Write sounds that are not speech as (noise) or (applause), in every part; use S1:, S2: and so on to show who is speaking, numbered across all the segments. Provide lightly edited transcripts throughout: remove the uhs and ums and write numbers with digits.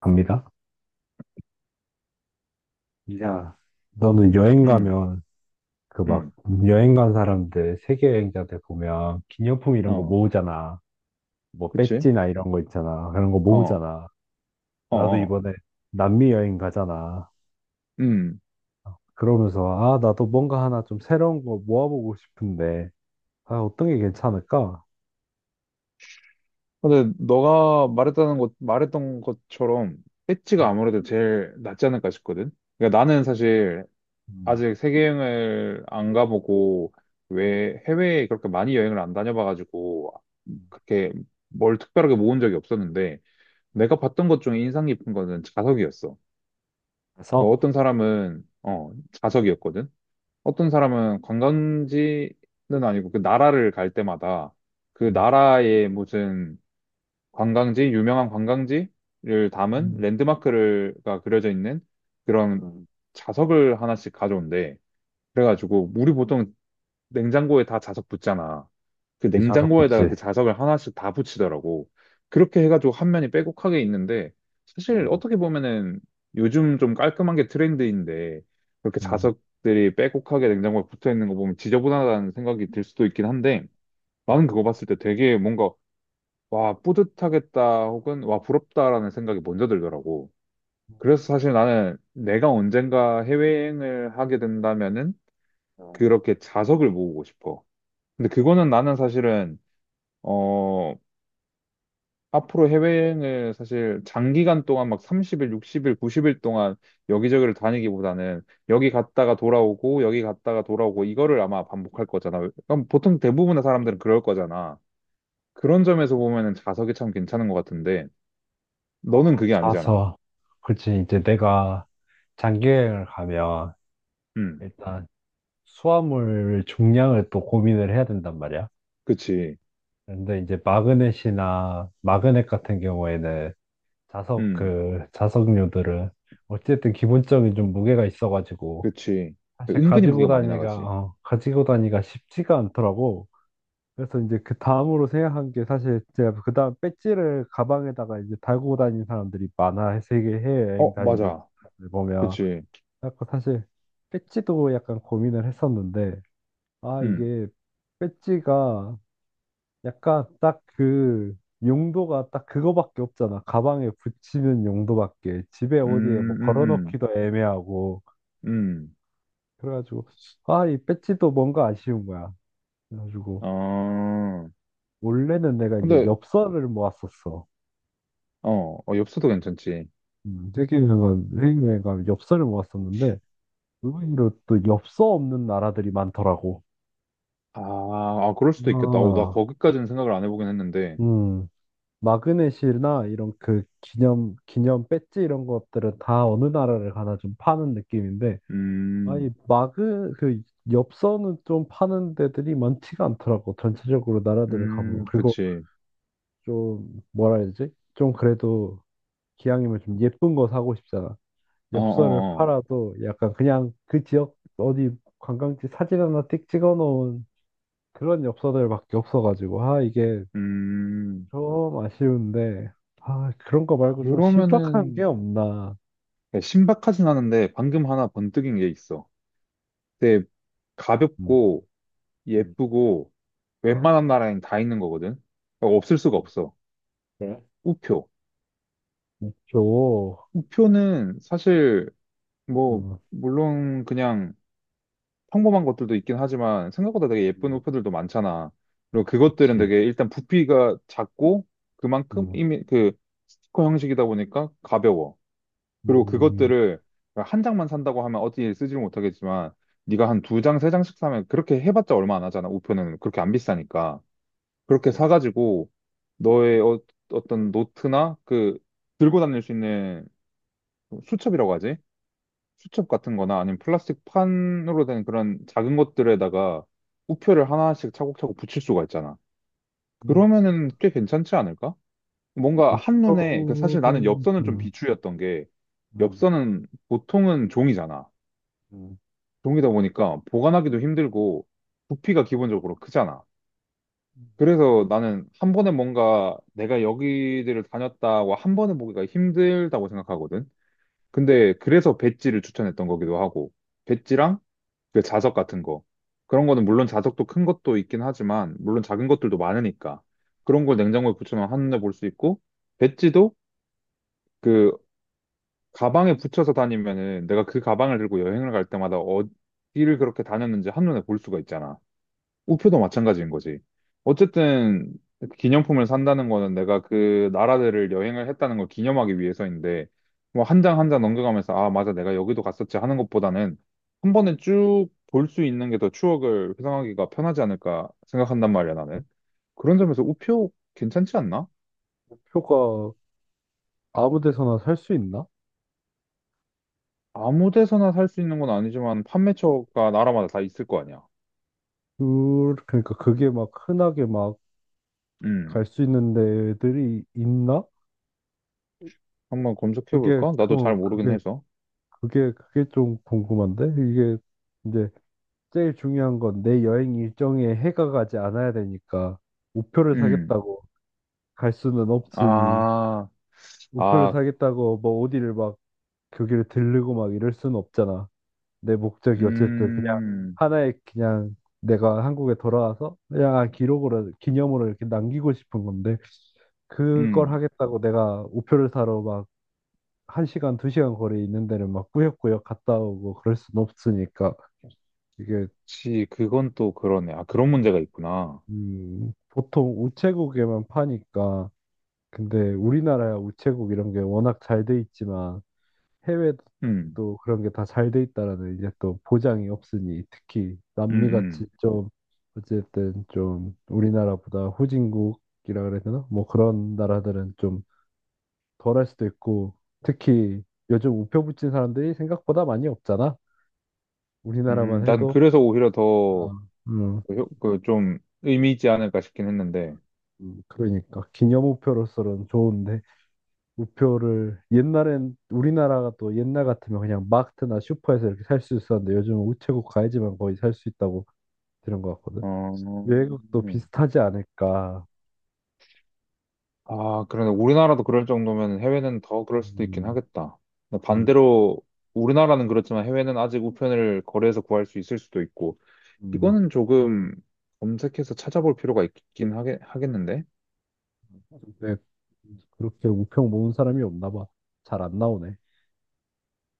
S1: 갑니다. 야, 너는 여행
S2: 음,
S1: 가면 그 막
S2: 음,
S1: 여행 간 사람들, 세계 여행자들 보면 기념품 이런 거
S2: 어,
S1: 모으잖아. 뭐
S2: 그치?
S1: 배지나 이런 거 있잖아. 그런 거
S2: 어,
S1: 모으잖아.
S2: 어,
S1: 나도
S2: 어,
S1: 이번에 남미 여행 가잖아.
S2: 음.
S1: 그러면서 아, 나도 뭔가 하나 좀 새로운 거 모아보고 싶은데 아, 어떤 게 괜찮을까?
S2: 근데 말했던 것처럼 배지가
S1: 음,
S2: 아무래도 제일 낫지 않을까 싶거든? 그러니까 나는 사실
S1: 음,
S2: 아직 세계여행을 안 가보고 왜 해외에 그렇게 많이 여행을 안 다녀봐가지고
S1: 음.
S2: 그렇게 뭘 특별하게 모은 적이 없었는데 내가 봤던 것 중에 인상 깊은 거는 자석이었어.
S1: 좌석?
S2: 그러니까 어떤 사람은 자석이었거든? 어떤 사람은 관광지는 아니고 그 나라를 갈 때마다 그
S1: 음,
S2: 나라의 무슨 관광지, 유명한 관광지를 담은
S1: 음,
S2: 랜드마크가 그려져 있는 그런
S1: 음.
S2: 자석을 하나씩 가져온대. 그래가지고 우리 보통 냉장고에 다 자석 붙잖아. 그
S1: 음. 좌석
S2: 냉장고에다가
S1: 그치?
S2: 그 자석을 하나씩 다 붙이더라고. 그렇게 해가지고 한 면이 빼곡하게 있는데 사실
S1: 음,
S2: 어떻게 보면은 요즘 좀 깔끔한 게 트렌드인데 그렇게
S1: 음,
S2: 자석들이 빼곡하게 냉장고에 붙어 있는 거 보면 지저분하다는 생각이 들 수도 있긴 한데 나는
S1: 음,
S2: 그거 봤을 때 되게 뭔가 와 뿌듯하겠다 혹은 와 부럽다라는 생각이 먼저 들더라고. 그래서 사실 나는 내가 언젠가 해외여행을 하게 된다면은
S1: 음.
S2: 그렇게 자석을 모으고 싶어. 근데 그거는 나는 사실은 어 앞으로 해외여행을 사실 장기간 동안 막 30일, 60일, 90일 동안 여기저기를 다니기보다는 여기 갔다가 돌아오고 여기 갔다가 돌아오고 이거를 아마 반복할 거잖아. 그럼 보통 대부분의 사람들은 그럴 거잖아. 그런 점에서 보면은 자석이 참 괜찮은 것 같은데 너는
S1: 어,
S2: 그게 아니잖아.
S1: 자서. 그렇지. 이제 내가 장기여행을 가면
S2: 음,
S1: 일단 수화물 중량을 또 고민을 해야 된단 말이야.
S2: 그치.
S1: 그런데 이제 마그넷 같은 경우에는 자석
S2: 음,
S1: 그 자석류들은 어쨌든 기본적인 좀 무게가 있어가지고
S2: 그치.
S1: 사실
S2: 은근히 무게가 많이 나가지.
S1: 가지고 다니가 쉽지가 않더라고. 그래서 이제 그 다음으로 생각한 게, 사실 제가 그 다음 배지를 가방에다가 이제 달고 다니는 사람들이 많아, 세계 해외여행
S2: 어,
S1: 다니는
S2: 맞아.
S1: 사람들 보면.
S2: 그치.
S1: 그래서 사실 배지도 약간 고민을 했었는데, 아
S2: 음,
S1: 이게 배지가 약간 딱 그 용도가 딱 그거밖에 없잖아. 가방에 붙이는 용도밖에, 집에 어디에
S2: 음,
S1: 뭐
S2: 음,
S1: 걸어놓기도 애매하고.
S2: 음, 음.
S1: 그래가지고 아 이 배지도 뭔가 아쉬운 거야. 그래가지고
S2: 아,
S1: 원래는 내가 이제
S2: 근데
S1: 엽서를 모았었어.
S2: 어, 엽서도 괜찮지.
S1: 세계여행가 엽서를 모았었는데, 의외로 또 엽서 없는 나라들이 많더라고.
S2: 아, 아, 그럴 수도 있겠다. 어, 나
S1: 아,
S2: 거기까지는 생각을 안 해보긴 했는데.
S1: 음, 마그넷이나 이런 그 기념 배지 이런 것들은 다 어느 나라를 가나 좀 파는 느낌인데,
S2: 음,
S1: 그 엽서는 좀 파는 데들이 많지가 않더라고. 전체적으로 나라들을 가보면. 그리고
S2: 그치.
S1: 좀, 뭐라 해야 되지? 좀 그래도 기왕이면 좀 예쁜 거 사고 싶잖아.
S2: 어,
S1: 엽서를
S2: 어, 어.
S1: 팔아도 약간 그냥 그 지역 어디 관광지 사진 하나 띡 찍어 놓은 그런 엽서들밖에 없어가지고 아 이게
S2: 음,
S1: 좀 아쉬운데, 아 그런 거 말고 좀 신박한 게
S2: 그러면은,
S1: 없나.
S2: 야, 신박하진 않은데, 방금 하나 번뜩인 게 있어. 근데
S1: 음,
S2: 가볍고,
S1: 음,
S2: 예쁘고,
S1: 아,
S2: 웬만한 나라엔 다 있는 거거든. 그러니까 없을 수가
S1: 음,
S2: 없어.
S1: 그래?
S2: 우표.
S1: 있
S2: 우표는 사실, 뭐, 물론 그냥, 평범한 것들도 있긴 하지만 생각보다 되게 예쁜
S1: 음,
S2: 호프들도 많잖아. 그리고 그것들은
S1: 그치
S2: 되게 일단 부피가 작고 그만큼
S1: 음,
S2: 이미 그 스티커 형식이다 보니까 가벼워. 그리고
S1: 음,
S2: 그것들을 한 장만 산다고 하면 어디에 쓰지를 못하겠지만 네가 한 두 장, 세 장씩 사면 그렇게 해봤자 얼마 안 하잖아. 우표는 그렇게 안 비싸니까. 그렇게
S1: 그치.
S2: 사가지고 너의 어떤 노트나 그 들고 다닐 수 있는 수첩이라고 하지? 수첩 같은 거나 아니면 플라스틱 판으로 된 그런 작은 것들에다가 우표를 하나씩 차곡차곡 붙일 수가 있잖아.
S1: 음,
S2: 그러면은 꽤 괜찮지 않을까? 뭔가 한눈에, 그 사실 나는
S1: 목표를
S2: 엽서는 좀
S1: 음,
S2: 비추였던 게,
S1: 음,
S2: 엽서는 보통은 종이잖아.
S1: 음.
S2: 종이다 보니까 보관하기도 힘들고, 부피가 기본적으로 크잖아. 그래서 나는 한 번에 뭔가 내가 여기들을 다녔다고 한 번에 보기가 힘들다고 생각하거든. 근데 그래서 배지를 추천했던 거기도 하고, 배지랑 그 자석 같은 거. 그런 거는 물론 자석도 큰 것도 있긴 하지만, 물론 작은 것들도 많으니까. 그런 걸 냉장고에 붙여놓으면 한눈에 볼 수 있고, 배지도 그 가방에 붙여서 다니면은 내가 그 가방을 들고 여행을 갈 때마다 어디를 그렇게 다녔는지 한눈에 볼 수가 있잖아. 우표도 마찬가지인 거지. 어쨌든 기념품을 산다는 거는 내가 그 나라들을 여행을 했다는 걸 기념하기 위해서인데 뭐 한 장 한 장 넘겨가면서 아 맞아 내가 여기도 갔었지 하는 것보다는 한 번에 쭉 볼 수 있는 게 더 추억을 회상하기가 편하지 않을까 생각한단 말이야 나는. 그런 점에서 우표 괜찮지 않나?
S1: 목표가 아무 데서나 살 수 있나?
S2: 아무 데서나 살 수 있는 건 아니지만 판매처가 나라마다 다 있을 거 아니야.
S1: 그, 그러니까 그게 막 흔하게 막
S2: 음
S1: 갈 수 있는 데들이 있나?
S2: 한번 검색해
S1: 그게,
S2: 볼까?
S1: 그,
S2: 나도 잘
S1: 어,
S2: 모르긴
S1: 그게,
S2: 해서.
S1: 그게, 그게 좀 궁금한데? 이게 이제 제일 중요한 건 내 여행 일정에 해가 가지 않아야 되니까 우표를
S2: 음.
S1: 사겠다고 갈 수는 없으니
S2: 아,
S1: 우표를
S2: 아,
S1: 사겠다고 뭐 어디를 막 거기를 들르고 막 이럴 수는 없잖아. 내 목적이 어쨌든 그냥
S2: 음,
S1: 하나의 그냥 내가 한국에 돌아와서 그냥 아, 기록으로 기념으로 이렇게 남기고 싶은 건데 그걸
S2: 음,
S1: 하겠다고 내가 우표를 사러 막 한시간두시간 거리에 있는 데를 막 꾸역꾸역 갔다 오고 그럴 순 없으니까 이게.
S2: 그건 또 그러네. 아, 그런 문제가 있구나.
S1: 보통 우체국에만 파니까. 근데 우리나라야 우체국 이런 게 워낙 잘 돼 있지만 해외도
S2: 음,
S1: 또 그런 게 다 잘 돼 있다라는 이제 또 보장이 없으니, 특히
S2: 음,
S1: 남미 같이
S2: 음.
S1: 좀 어쨌든 좀 우리나라보다 후진국이라 그래야 되나? 뭐 그런 나라들은 좀 덜할 수도 있고, 특히 요즘 우표 붙인 사람들이 생각보다 많이 없잖아. 우리나라만
S2: 난
S1: 해도.
S2: 그래서 오히려
S1: 아,
S2: 더,
S1: 음,
S2: 좀, 의미 있지 않을까 싶긴 했는데.
S1: 그러니까 기념 우표로서는 좋은데 우표를 옛날엔 우리나라가 또 옛날 같으면 그냥 마트나 슈퍼에서 이렇게 살 수 있었는데 요즘은 우체국 가야지만 거의 살 수 있다고 들은 것 같거든.
S2: 어,
S1: 외국도 비슷하지 않을까.
S2: 아, 그러네. 우리나라도 그럴 정도면 해외는 더 그럴 수도 있긴
S1: 음,
S2: 하겠다. 근데
S1: 음,
S2: 반대로, 우리나라는 그렇지만 해외는 아직 우편을 거래해서 구할 수 있을 수도 있고.
S1: 음.
S2: 이거는 조금 검색해서 찾아볼 필요가 있긴 하겠는데?
S1: 근데 그렇게 우표 모은 사람이 없나 봐. 잘 안 나오네.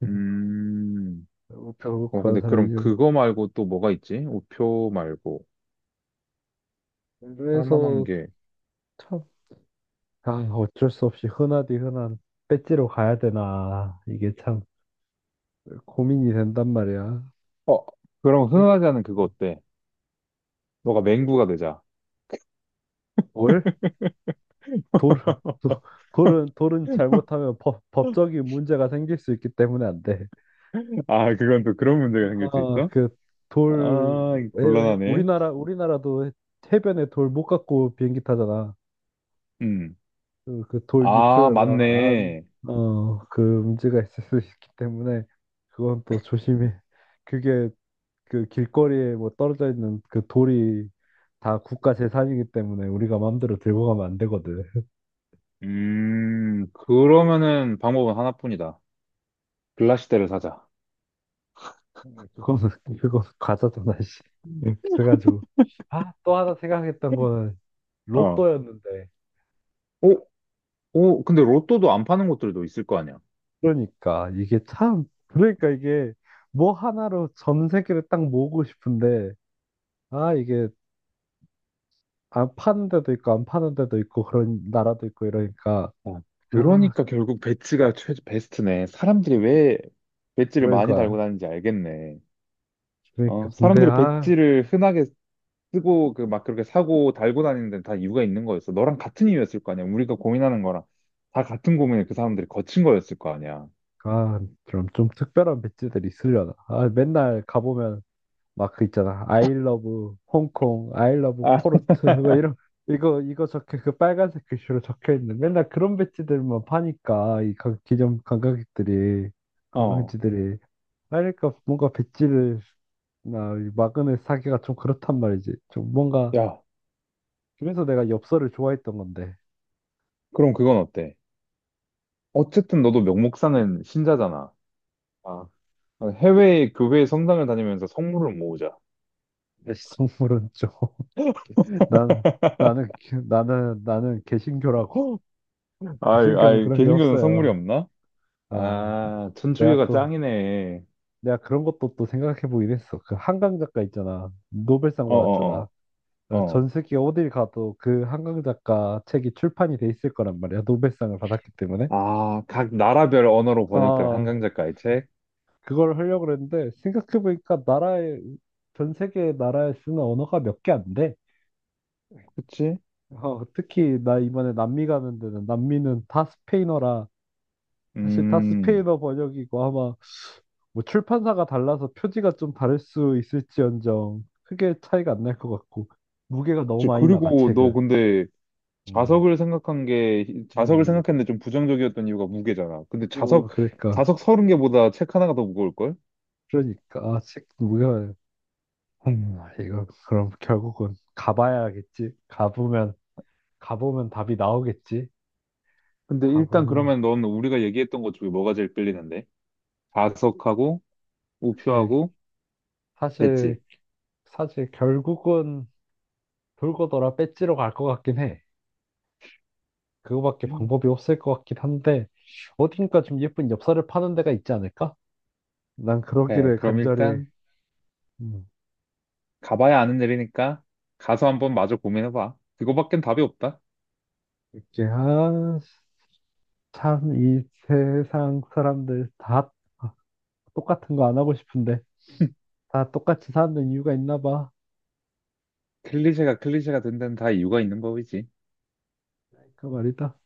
S1: (laughs)
S2: 음,
S1: 우표
S2: 어,
S1: 구한
S2: 근데 그럼
S1: 사람이.
S2: 그거 말고 또 뭐가 있지? 우표 말고. 할 만한
S1: 그래서
S2: 게.
S1: 참, 아, 어쩔 수 없이 흔하디 흔한 배지로 가야 되나. 이게 참 고민이 된단 말이야.
S2: 어, 그럼
S1: 예?
S2: 흔하지 않은 그거 어때? 너가 맹구가 되자.
S1: 뭘? 돌, 도- 돌은,
S2: (laughs)
S1: 돌은 잘못하면 법적인 문제가 생길 수 있기 때문에 안 돼.
S2: 아, 그건 또 그런 문제가 생길 수
S1: 아,
S2: 있어?
S1: 그 돌,
S2: 아, 이거
S1: 에,
S2: 곤란하네.
S1: 우리나라도 해변에 돌 못 갖고 비행기 타잖아.
S2: 음.
S1: 그돌
S2: 아,
S1: 유출 막 안,
S2: 맞네.
S1: 어, 그 문제가 있을 수 있기 때문에 그건 또 조심히, 그게 그 길거리에 뭐 떨어져 있는 그 돌이 다 국가 재산이기 때문에 우리가 마음대로 들고 가면 안 되거든.
S2: 그러면은 방법은 하나뿐이다. 글라시대를 사자.
S1: (laughs) 그거는 그거 과자잖아, 씨. 음. 그래가지고 아, 또 하나 생각했던 거는
S2: 어.
S1: 로또였는데.
S2: 오, 오, 근데 로또도 안 파는 곳들도 있을 거 아니야.
S1: 그러니까 이게 참 그러니까 이게 뭐 하나로 전 세계를 딱 모으고 싶은데, 아, 이게 안 파는 데도 있고 안 파는 데도 있고 그런 나라도 있고 이러니까.
S2: 어.
S1: 아,
S2: 그러니까 결국 배지가 베스트네. 사람들이 왜 배지를 많이 달고
S1: 그러니까
S2: 다니는지 알겠네.
S1: 그러니까
S2: 어,
S1: 근데
S2: 사람들이
S1: 아.
S2: 배지를 흔하게 쓰고 그 막 그렇게 사고 달고 다니는 데는 다 이유가 있는 거였어. 너랑 같은 이유였을 거 아니야. 우리가 고민하는 거랑 다 같은 고민을 그 사람들이 거친 거였을 거 아니야.
S1: 아, 그럼 좀 특별한 배지들이 있으려나? 아, 맨날 가보면 막 그 있잖아. I love 홍콩, I love
S2: 아,
S1: 포르투, 막 이런. 이거 적혀 그 빨간색 글씨로 적혀 있는 맨날 그런 배지들만 파니까 이 관- 기존 관광객들이
S2: 어,
S1: 관광지들이. 그러니까 뭔가 배지를, 나 마그넷 사기가 좀 그렇단 말이지. 좀 뭔가.
S2: 야,
S1: 그래서 내가 엽서를 좋아했던 건데.
S2: 그럼 그건 어때? 어쨌든 너도 명목상은 신자잖아.
S1: 아,
S2: 어, 해외 교회 성당을 다니면서 성물을 모으자.
S1: 내 식물은 좀. (laughs) 나는 나는 나는 개신교라고.
S2: (laughs) 아이,
S1: 신경은
S2: 아이,
S1: 그런 게
S2: 개신교는 성물이
S1: 없어요.
S2: 없나?
S1: 어,
S2: 아,
S1: 내가
S2: 천주교가
S1: 또,
S2: 짱이네.
S1: 내가 그런 것도 또 생각해 보긴 했어. 그 한강 작가 있잖아. 노벨상
S2: 어,
S1: 받았잖아.
S2: 어, 어,
S1: 어,
S2: 어.
S1: 전 세계 어딜 가도 그 한강 작가 책이 출판이 돼 있을 거란 말이야. 노벨상을 받았기 때문에.
S2: 아, 각 나라별 언어로 번역된
S1: 아,
S2: 한강 작가의 책?
S1: 그걸 하려고 그랬는데, 생각해 보니까 전 세계 나라에 쓰는 언어가 몇 개 안 돼.
S2: 그치?
S1: 어, 특히 나 이번에 남미 가는 데는 남미는 다 스페인어라 사실 다
S2: 음,
S1: 스페인어 번역이고 아마 뭐 출판사가 달라서 표지가 좀 다를 수 있을지언정 크게 차이가 안 날 것 같고 무게가 너무
S2: 그치.
S1: 많이 나가
S2: 그리고 너
S1: 책을.
S2: 근데
S1: 음,
S2: 자석을
S1: 음,
S2: 생각했는데 좀 부정적이었던 이유가 무게잖아. 근데
S1: 어, 그러니까,
S2: 자석 서른 개보다 책 하나가 더 무거울걸?
S1: 그러니까 아, 책 무게가. 이거 그럼 결국은 가봐야겠지. 가보면 답이 나오겠지.
S2: 근데 일단
S1: 가보면
S2: 그러면 넌 우리가 얘기했던 것 중에 뭐가 제일 끌리는데? 자석하고,
S1: 사실
S2: 우표하고, 배지.
S1: 사실 사실 결국은 돌고 돌아 배지로 갈 것 같긴 해. 그거밖에
S2: 음.
S1: 방법이 없을 것 같긴 한데 어딘가 좀 예쁜 엽서를 파는 데가 있지 않을까? 난
S2: 네,
S1: 그러기를
S2: 그럼
S1: 간절히.
S2: 일단
S1: 음,
S2: 가봐야 아는 일이니까 가서 한번 마저 고민해봐. 그거밖엔 답이 없다.
S1: 이렇게 아, 참 이 세상 사람들 다 똑같은 거 안 하고 싶은데 다 똑같이 사는 이유가 있나 봐.
S2: 클리셰가 클리셰가 된 데는 다 이유가 있는 거지.
S1: 그 말이다.